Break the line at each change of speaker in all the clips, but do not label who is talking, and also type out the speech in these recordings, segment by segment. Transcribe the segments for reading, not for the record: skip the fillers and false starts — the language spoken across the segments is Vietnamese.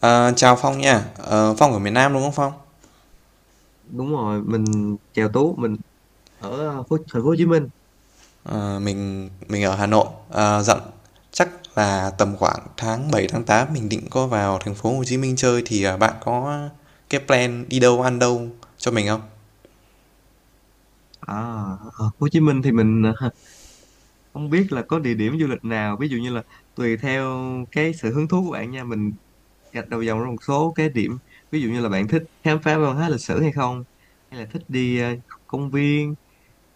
Ờ, chào Phong nha. Ờ, Phong ở miền Nam đúng không, Phong?
Đúng rồi, mình chèo tú. Mình ở thành phố Hồ Chí Minh.
Mình ở Hà Nội. Ờ, dặn chắc là tầm khoảng tháng 7 tháng 8 mình định có vào thành phố Hồ Chí Minh chơi thì bạn có cái plan đi đâu ăn đâu cho mình không?
À, ở Hồ Chí Minh thì mình không biết là có địa điểm du lịch nào, ví dụ như là tùy theo cái sự hứng thú của bạn nha. Mình gạch đầu dòng ra một số cái điểm, ví dụ như là bạn thích khám phá văn hóa lịch sử hay không, hay là thích đi công viên,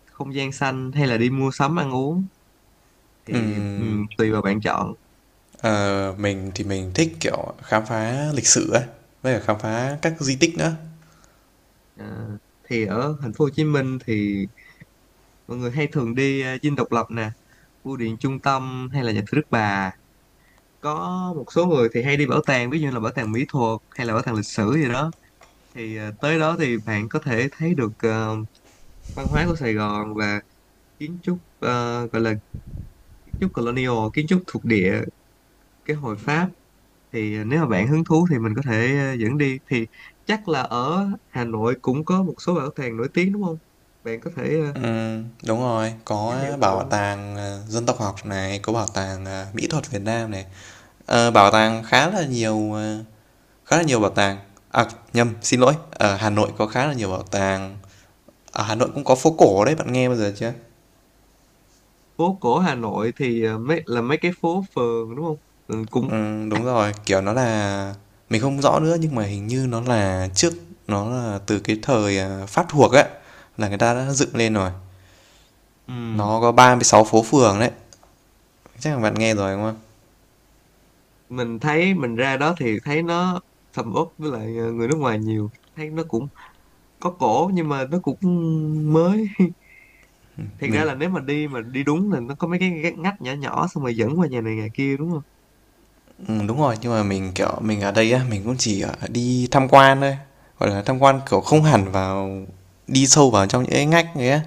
không gian xanh, hay là đi mua sắm, ăn uống, thì
Ừm,
tùy vào bạn chọn.
ờ, mình thì mình thích kiểu khám phá lịch sử ấy, với cả khám phá các di tích nữa.
Ờ, thì ở thành phố Hồ Chí Minh thì mọi người hay thường đi Dinh Độc Lập nè, Bưu điện Trung tâm, hay là nhà thờ Đức Bà. Có một số người thì hay đi bảo tàng, ví dụ như là bảo tàng mỹ thuật hay là bảo tàng lịch sử gì đó. Thì tới đó thì bạn có thể thấy được văn hóa của Sài Gòn và kiến trúc, gọi là kiến trúc colonial, kiến trúc thuộc địa cái hồi Pháp. Thì nếu mà bạn hứng thú thì mình có thể dẫn đi. Thì chắc là ở Hà Nội cũng có một số bảo tàng nổi tiếng đúng không, bạn có thể
Đúng rồi, có
giới thiệu mình được
bảo
không?
tàng dân tộc học này, có bảo tàng mỹ thuật Việt Nam này. Bảo tàng khá là nhiều bảo tàng. À, nhầm, xin lỗi, ở Hà Nội có khá là nhiều bảo tàng. Ở Hà Nội cũng có phố cổ đấy, bạn nghe bao giờ chưa?
Phố cổ Hà Nội thì mấy cái phố phường đúng không? Ừ, cũng
Ừ, đúng rồi, kiểu nó là, mình không rõ nữa nhưng mà hình như nó là trước, nó là từ cái thời Pháp thuộc ấy, là người ta đã dựng lên rồi.
ừ.
Nó có 36 phố phường đấy, chắc là bạn nghe rồi đúng không?
Mình thấy mình ra đó thì thấy nó sầm uất, với lại người nước ngoài nhiều, thấy nó cũng có cổ nhưng mà nó cũng mới. Thiệt ra
mình
là nếu mà đi đúng là nó có mấy cái ngách ngách nhỏ nhỏ, xong rồi dẫn qua nhà này nhà kia đúng không?
ừ, đúng rồi, nhưng mà mình kiểu mình ở đây á, mình cũng chỉ đi tham quan thôi, gọi là tham quan kiểu
Ừ.
không hẳn vào đi sâu vào trong những cái ngách ấy á.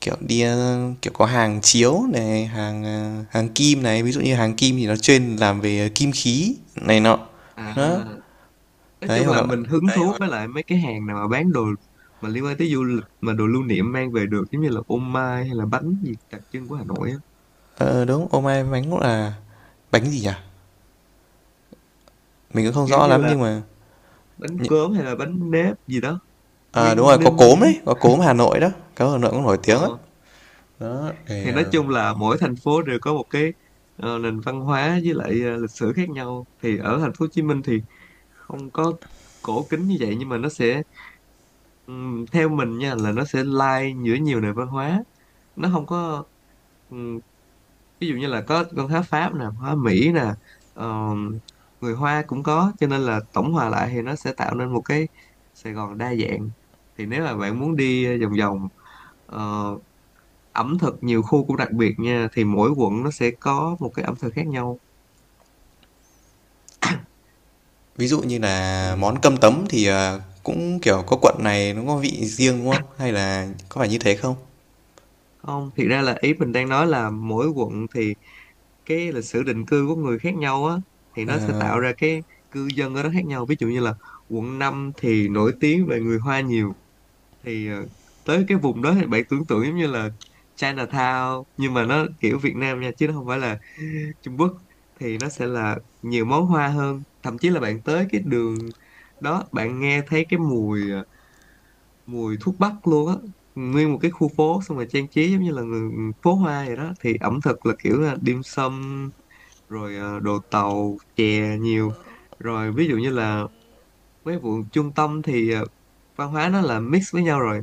Kiểu đi, kiểu, có hàng chiếu này, hàng kim này, ví dụ như hàng kim thì nó chuyên làm về kim khí này nọ. Đó,
à nói
đấy,
chung
hoặc
là
là
mình hứng đấy thú với lại mấy cái hàng nào mà bán đồ mà liên quan tới du lịch, mà đồ lưu niệm mang về được giống như là ô mai hay là bánh gì đặc trưng của Hà Nội á.
ờ, đúng, ô mai bánh cũng là bánh gì nhỉ? Mình cũng không
Kiểu
rõ
như
lắm
là
nhưng mà
bánh cốm hay là bánh nếp gì đó,
đúng rồi,
Nguyên
có
Ninh gì
cốm
đó.
đấy, có cốm Hà Nội đó, có Hà Nội cũng nổi tiếng á.
Ờ.
Đó, thì,
Thì nói chung là mỗi thành phố đều có một cái nền văn hóa, với lại lịch sử khác nhau. Thì ở thành phố Hồ Chí Minh thì không có cổ kính như vậy, nhưng mà nó sẽ, theo mình nha, là nó sẽ lai giữa nhiều nền văn hóa. Nó không có ừm, ví dụ như là có văn hóa Pháp nè, hóa Mỹ nè, ờm, người Hoa cũng có, cho nên là tổng hòa lại thì nó sẽ tạo nên một cái Sài Gòn đa dạng. Thì nếu mà bạn muốn đi vòng vòng, ờ, ẩm thực nhiều khu cũng đặc biệt nha, thì mỗi quận nó sẽ có một cái ẩm thực khác nhau.
ví dụ như là
Ừ.
món cơm tấm thì, cũng, kiểu, có quận này nó có vị riêng, đúng không? Hay là có phải như thế không?
Không, thiệt ra là ý mình đang nói là mỗi quận thì cái lịch sử định cư của người khác nhau á, thì nó sẽ tạo ra cái cư dân ở đó khác nhau. Ví dụ như là quận 5 thì nổi tiếng về người Hoa nhiều. Thì tới cái vùng đó thì bạn tưởng tượng giống như là Chinatown, nhưng mà nó kiểu Việt Nam nha chứ nó không phải là Trung Quốc. Thì nó sẽ là nhiều món hoa hơn, thậm chí là bạn tới cái đường đó bạn nghe thấy cái mùi thuốc bắc luôn á. Nguyên một cái khu phố, xong rồi trang trí giống như là người phố hoa vậy đó, thì ẩm thực là kiểu là dim sum rồi, đồ tàu chè nhiều. Rồi ví dụ như là mấy vụ trung tâm thì văn hóa nó là mix với nhau rồi.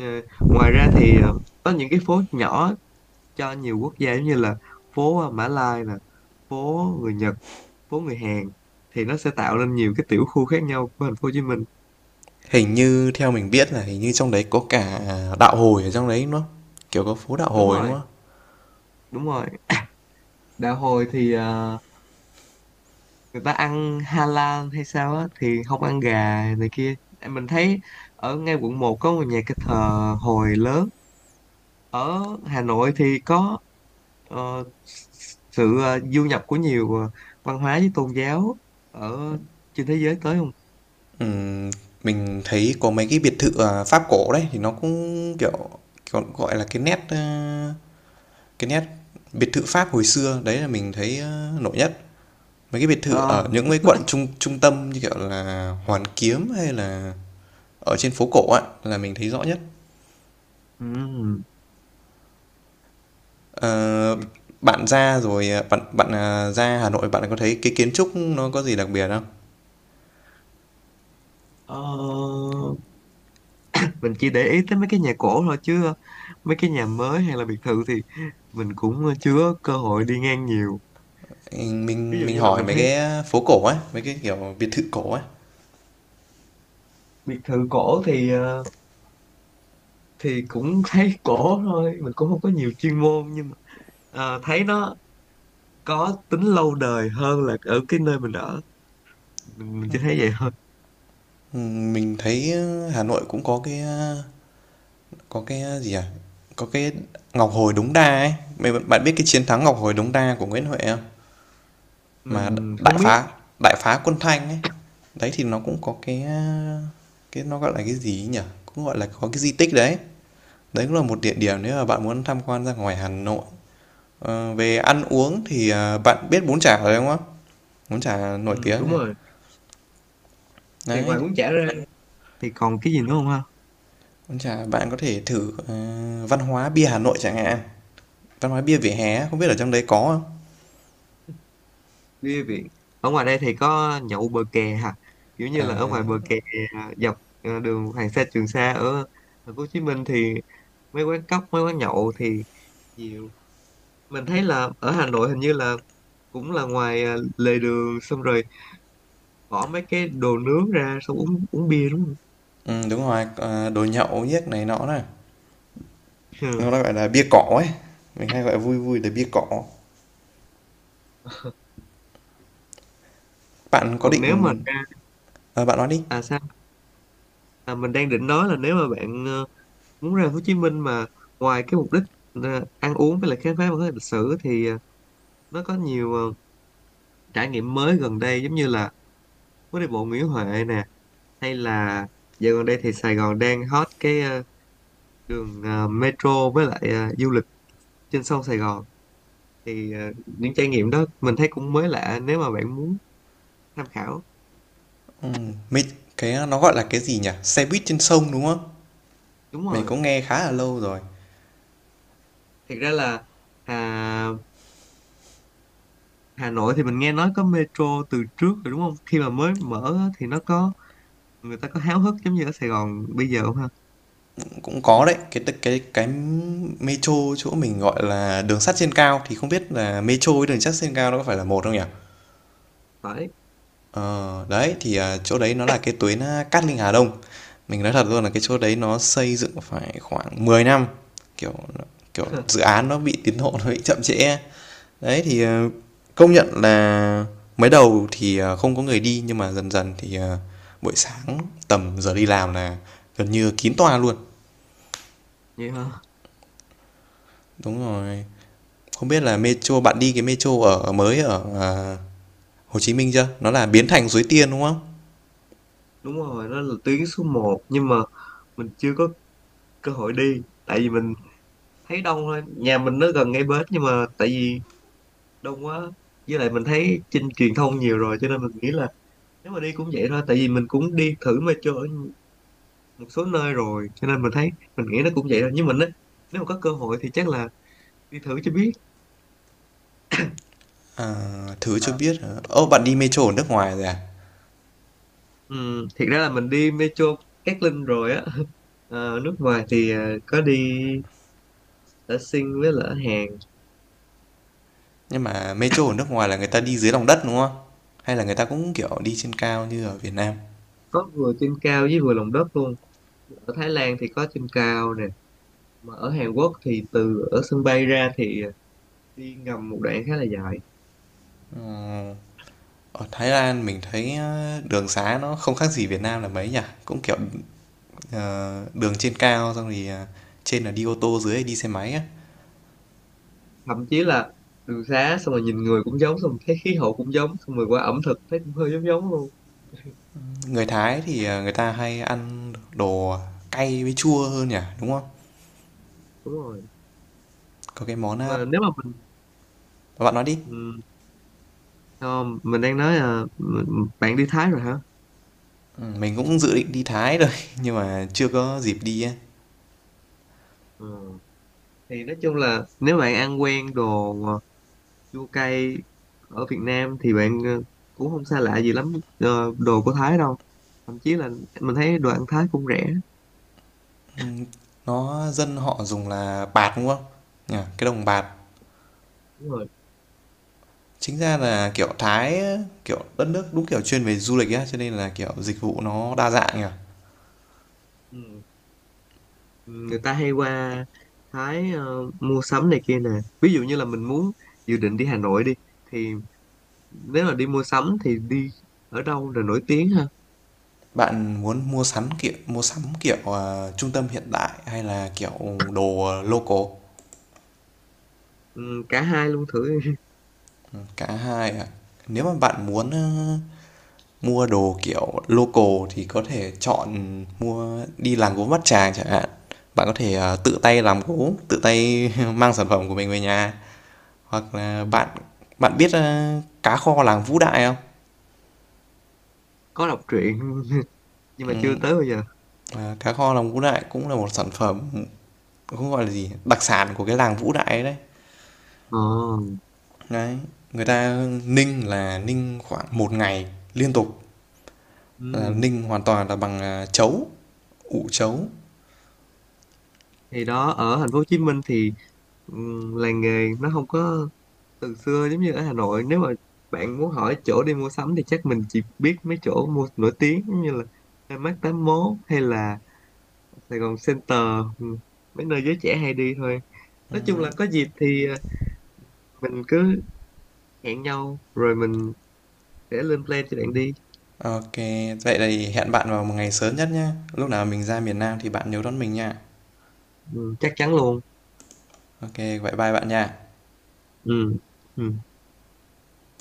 Ờ, ngoài ra thì có những cái phố nhỏ cho nhiều quốc gia, giống như là phố Mã Lai nè, phố người Nhật, phố người Hàn. Thì nó sẽ tạo nên nhiều cái tiểu khu khác nhau của thành phố Hồ Chí Minh.
Hình như theo mình biết là hình như trong đấy có cả đạo Hồi ở trong đấy, đúng không? Kiểu có phố đạo
Đúng
Hồi, đúng
rồi,
không?
đúng rồi. Đạo hồi thì người ta ăn halal hay sao á thì không ăn gà này kia. Mình thấy ở ngay quận 1 có một nhà cái thờ hồi lớn. Ở Hà Nội thì có ờ, sự du nhập của nhiều văn hóa với tôn giáo ở trên thế giới tới không?
Mình thấy có mấy cái biệt thự, Pháp cổ đấy thì nó cũng, kiểu, kiểu, gọi là, cái nét biệt thự Pháp hồi xưa, đấy là mình thấy, nổi nhất. Mấy cái biệt thự
Ờ,
ở những cái quận trung trung tâm như, kiểu là, Hoàn Kiếm hay là ở trên phố cổ ạ là mình thấy rõ nhất.
ừm,
Ờ, Bạn ra rồi, à, bạn bạn, à, ra Hà Nội bạn có thấy cái kiến trúc nó có gì đặc biệt không?
ờ, mình chỉ để ý tới mấy cái nhà cổ thôi, chứ mấy cái nhà mới hay là biệt thự thì mình cũng chưa có cơ hội đi ngang nhiều.
Ừ,
Ví
Mình
dụ
mình
như là
hỏi
mình
mấy
thấy
cái phố cổ ấy, mấy cái kiểu biệt thự cổ ấy.
biệt thự cổ thì thì cũng thấy cổ thôi. Mình cũng không có nhiều chuyên môn, nhưng mà thấy nó có tính lâu đời hơn là ở cái nơi mình ở. Mình chỉ thấy vậy thôi.
Ừ, mình thấy Hà Nội cũng có cái gì à? Có cái Ngọc Hồi Đống Đa ấy. Mày bạn biết cái chiến thắng Ngọc Hồi Đống Đa của Nguyễn Huệ không? Mà
Mình
đại
không biết.
phá đại phá quân Thanh ấy. Đấy thì nó cũng có cái nó gọi là cái gì ấy nhỉ? Cũng gọi là có cái di tích đấy. Đấy cũng là một địa điểm nếu mà bạn muốn tham quan ra ngoài Hà Nội. Về ăn uống thì bạn biết bún chả rồi đúng không? Bún chả nổi
Ừ,
tiếng
đúng
này.
rồi. Thì ngoài
Đấy,
bún chả ra thì còn cái gì nữa không ha?
con chà, bạn có thể thử, văn hóa bia Hà Nội chẳng hạn, văn hóa bia vỉa
Ờ,
hè không biết ở trong đấy có không?
bia viện. Ở ngoài đây thì có nhậu bờ kè hả, kiểu như
Ờ,
là ở ngoài bờ kè, dọc đường Hoàng Sa Trường Sa ở thành phố Hồ Chí Minh, thì mấy quán cóc, mấy quán nhậu thì nhiều. Mình thấy là ở Hà Nội hình như là cũng là ngoài lề đường, xong rồi bỏ mấy cái đồ nướng ra xong uống uống bia đúng không?
Đúng rồi, đồ nhậu nhếch này nọ này.
Ờ.
Nó gọi là bia cỏ ấy, mình hay gọi vui vui là bia cỏ. Bạn có
Còn nếu mà
định
ra.
bạn nói đi.
À sao? Mình đang định nói là nếu mà bạn muốn ra Hồ Chí Minh mà ngoài cái mục đích ăn uống với lại khám phá văn hóa lịch sử, thì nó có nhiều trải nghiệm mới gần đây, giống như là phố đi bộ Nguyễn Huệ nè, hay là dạo gần đây thì Sài Gòn đang hot cái đường metro, với lại du lịch trên sông Sài Gòn. Thì những trải nghiệm đó mình thấy cũng mới lạ nếu mà bạn muốn tham khảo.
Mình cái nó gọi là cái gì nhỉ? Xe buýt trên sông, đúng không?
Đúng
Mình
rồi.
cũng nghe khá là lâu rồi,
Thiệt ra là à, Hà Nội thì mình nghe nói có metro từ trước rồi đúng không? Khi mà mới mở á, thì nó có người ta có háo hức giống như ở Sài Gòn bây giờ không ha?
cũng có đấy, cái metro chỗ mình gọi là đường sắt trên cao thì không biết là metro với đường sắt trên cao nó có phải là một không nhỉ?
Phải.
Ờ, Đấy, thì, chỗ đấy nó là cái tuyến, Cát Linh Hà Đông. Mình nói thật luôn là cái
Ừ.
chỗ đấy nó xây dựng phải khoảng 10 năm, kiểu, kiểu, dự án nó bị tiến độ nó bị chậm trễ. Đấy, thì, công nhận là mới đầu thì, không có người đi nhưng mà dần dần thì, buổi sáng tầm giờ đi làm là gần như kín toa luôn.
Vậy hả?
Đúng rồi. Không biết là metro bạn đi cái metro ở mới ở, Hồ Chí Minh chưa? Nó là biến thành Suối Tiên, đúng không?
Đúng rồi, đó là tuyến số 1, nhưng mà mình chưa có cơ hội đi. Tại vì mình thấy đông thôi. Nhà mình nó gần ngay bến, nhưng mà tại vì đông quá, với lại mình thấy trên truyền thông nhiều rồi cho nên mình nghĩ là nếu mà đi cũng vậy thôi. Tại vì mình cũng đi thử metro ở một số nơi rồi, cho nên mình nghĩ nó cũng vậy thôi. Nhưng mình á, nếu mà có cơ hội thì chắc là đi thử cho biết.
À, thử cho biết, bạn đi metro ở nước ngoài rồi à?
Ừ, thiệt ra là mình đi Metro Cát Linh rồi á. Nước ngoài thì có đi ở Sing với là ở Hàn.
Nhưng mà metro ở nước ngoài là người ta đi dưới lòng đất đúng không? Hay là người ta cũng kiểu đi trên cao như ở Việt Nam?
Có vừa trên cao với vừa lòng đất luôn. Ở Thái Lan thì có trên cao nè, mà ở Hàn Quốc thì từ ở sân bay ra thì đi ngầm một đoạn khá là dài.
Ở Thái Lan mình thấy đường xá nó không khác gì Việt Nam là mấy nhỉ? Cũng kiểu đường trên cao xong thì trên là đi ô tô dưới là đi xe máy á.
Thậm chí là đường xá, xong rồi nhìn người cũng giống, xong rồi thấy khí hậu cũng giống, xong rồi qua ẩm thực thấy cũng hơi giống giống luôn.
Người Thái thì người ta hay ăn đồ cay với chua hơn nhỉ, đúng không?
Đúng rồi.
Có cái món à,
Mà nếu mà mình.
bạn nói đi.
Ừ, không, mình đang nói là bạn đi Thái rồi hả?
Ừ, mình cũng dự định đi Thái rồi nhưng mà chưa có dịp đi á.
Ừ. Thì nói chung là nếu bạn ăn quen đồ chua cay ở Việt Nam thì bạn cũng không xa lạ gì lắm đồ của Thái đâu. Thậm chí là mình thấy đồ ăn Thái cũng rẻ.
Nó dân họ dùng là bạt đúng không? Nhỉ, cái đồng bạt.
Đúng rồi.
Chính ra là, kiểu, Thái, kiểu, đất nước đúng, kiểu, chuyên về du lịch á, cho nên là, kiểu, dịch vụ nó đa dạng nhỉ.
Ừ. Người ta hay qua Thái mua sắm này kia nè. Ví dụ như là mình muốn dự định đi Hà Nội đi, thì nếu là đi mua sắm thì đi ở đâu là nổi tiếng ha?
Bạn muốn mua sắm, kiểu, trung tâm hiện đại hay là, kiểu, đồ, local?
Ừ, cả hai luôn thử.
Cả hai ạ. Nếu mà bạn muốn, mua đồ, kiểu, local thì có thể chọn mua đi làm gốm Bát Tràng chẳng hạn. Bạn có thể, tự tay làm gốm, tự tay mang sản phẩm của mình về nhà. Hoặc là bạn
Ừ.
bạn biết, cá kho làng Vũ Đại không?
Có đọc truyện nhưng mà chưa
Ừm,
tới bao giờ.
À, cá kho lòng Vũ Đại cũng là một sản phẩm, không gọi là gì, đặc sản của cái làng Vũ Đại đấy.
Ờ.
Đấy, người ta ninh là ninh khoảng một ngày liên tục, là
Ừ.
ninh hoàn toàn là bằng chấu ủ chấu.
Thì đó, ở thành phố Hồ Chí Minh thì làng nghề nó không có từ xưa giống như ở Hà Nội. Nếu mà bạn muốn hỏi chỗ đi mua sắm thì chắc mình chỉ biết mấy chỗ mua nổi tiếng, giống như là Landmark 81 hay là Sài Gòn Center, ừm, mấy nơi giới trẻ hay đi thôi. Nói chung là có dịp thì mình cứ hẹn nhau rồi mình sẽ lên plan cho bạn đi.
Ok, vậy thì hẹn bạn vào một ngày sớm nhất nhá. Lúc nào mình ra miền Nam thì bạn nhớ đón mình nha.
Chắc chắn luôn.
Ok, vậy bye bạn nha.
Ừm, ừm.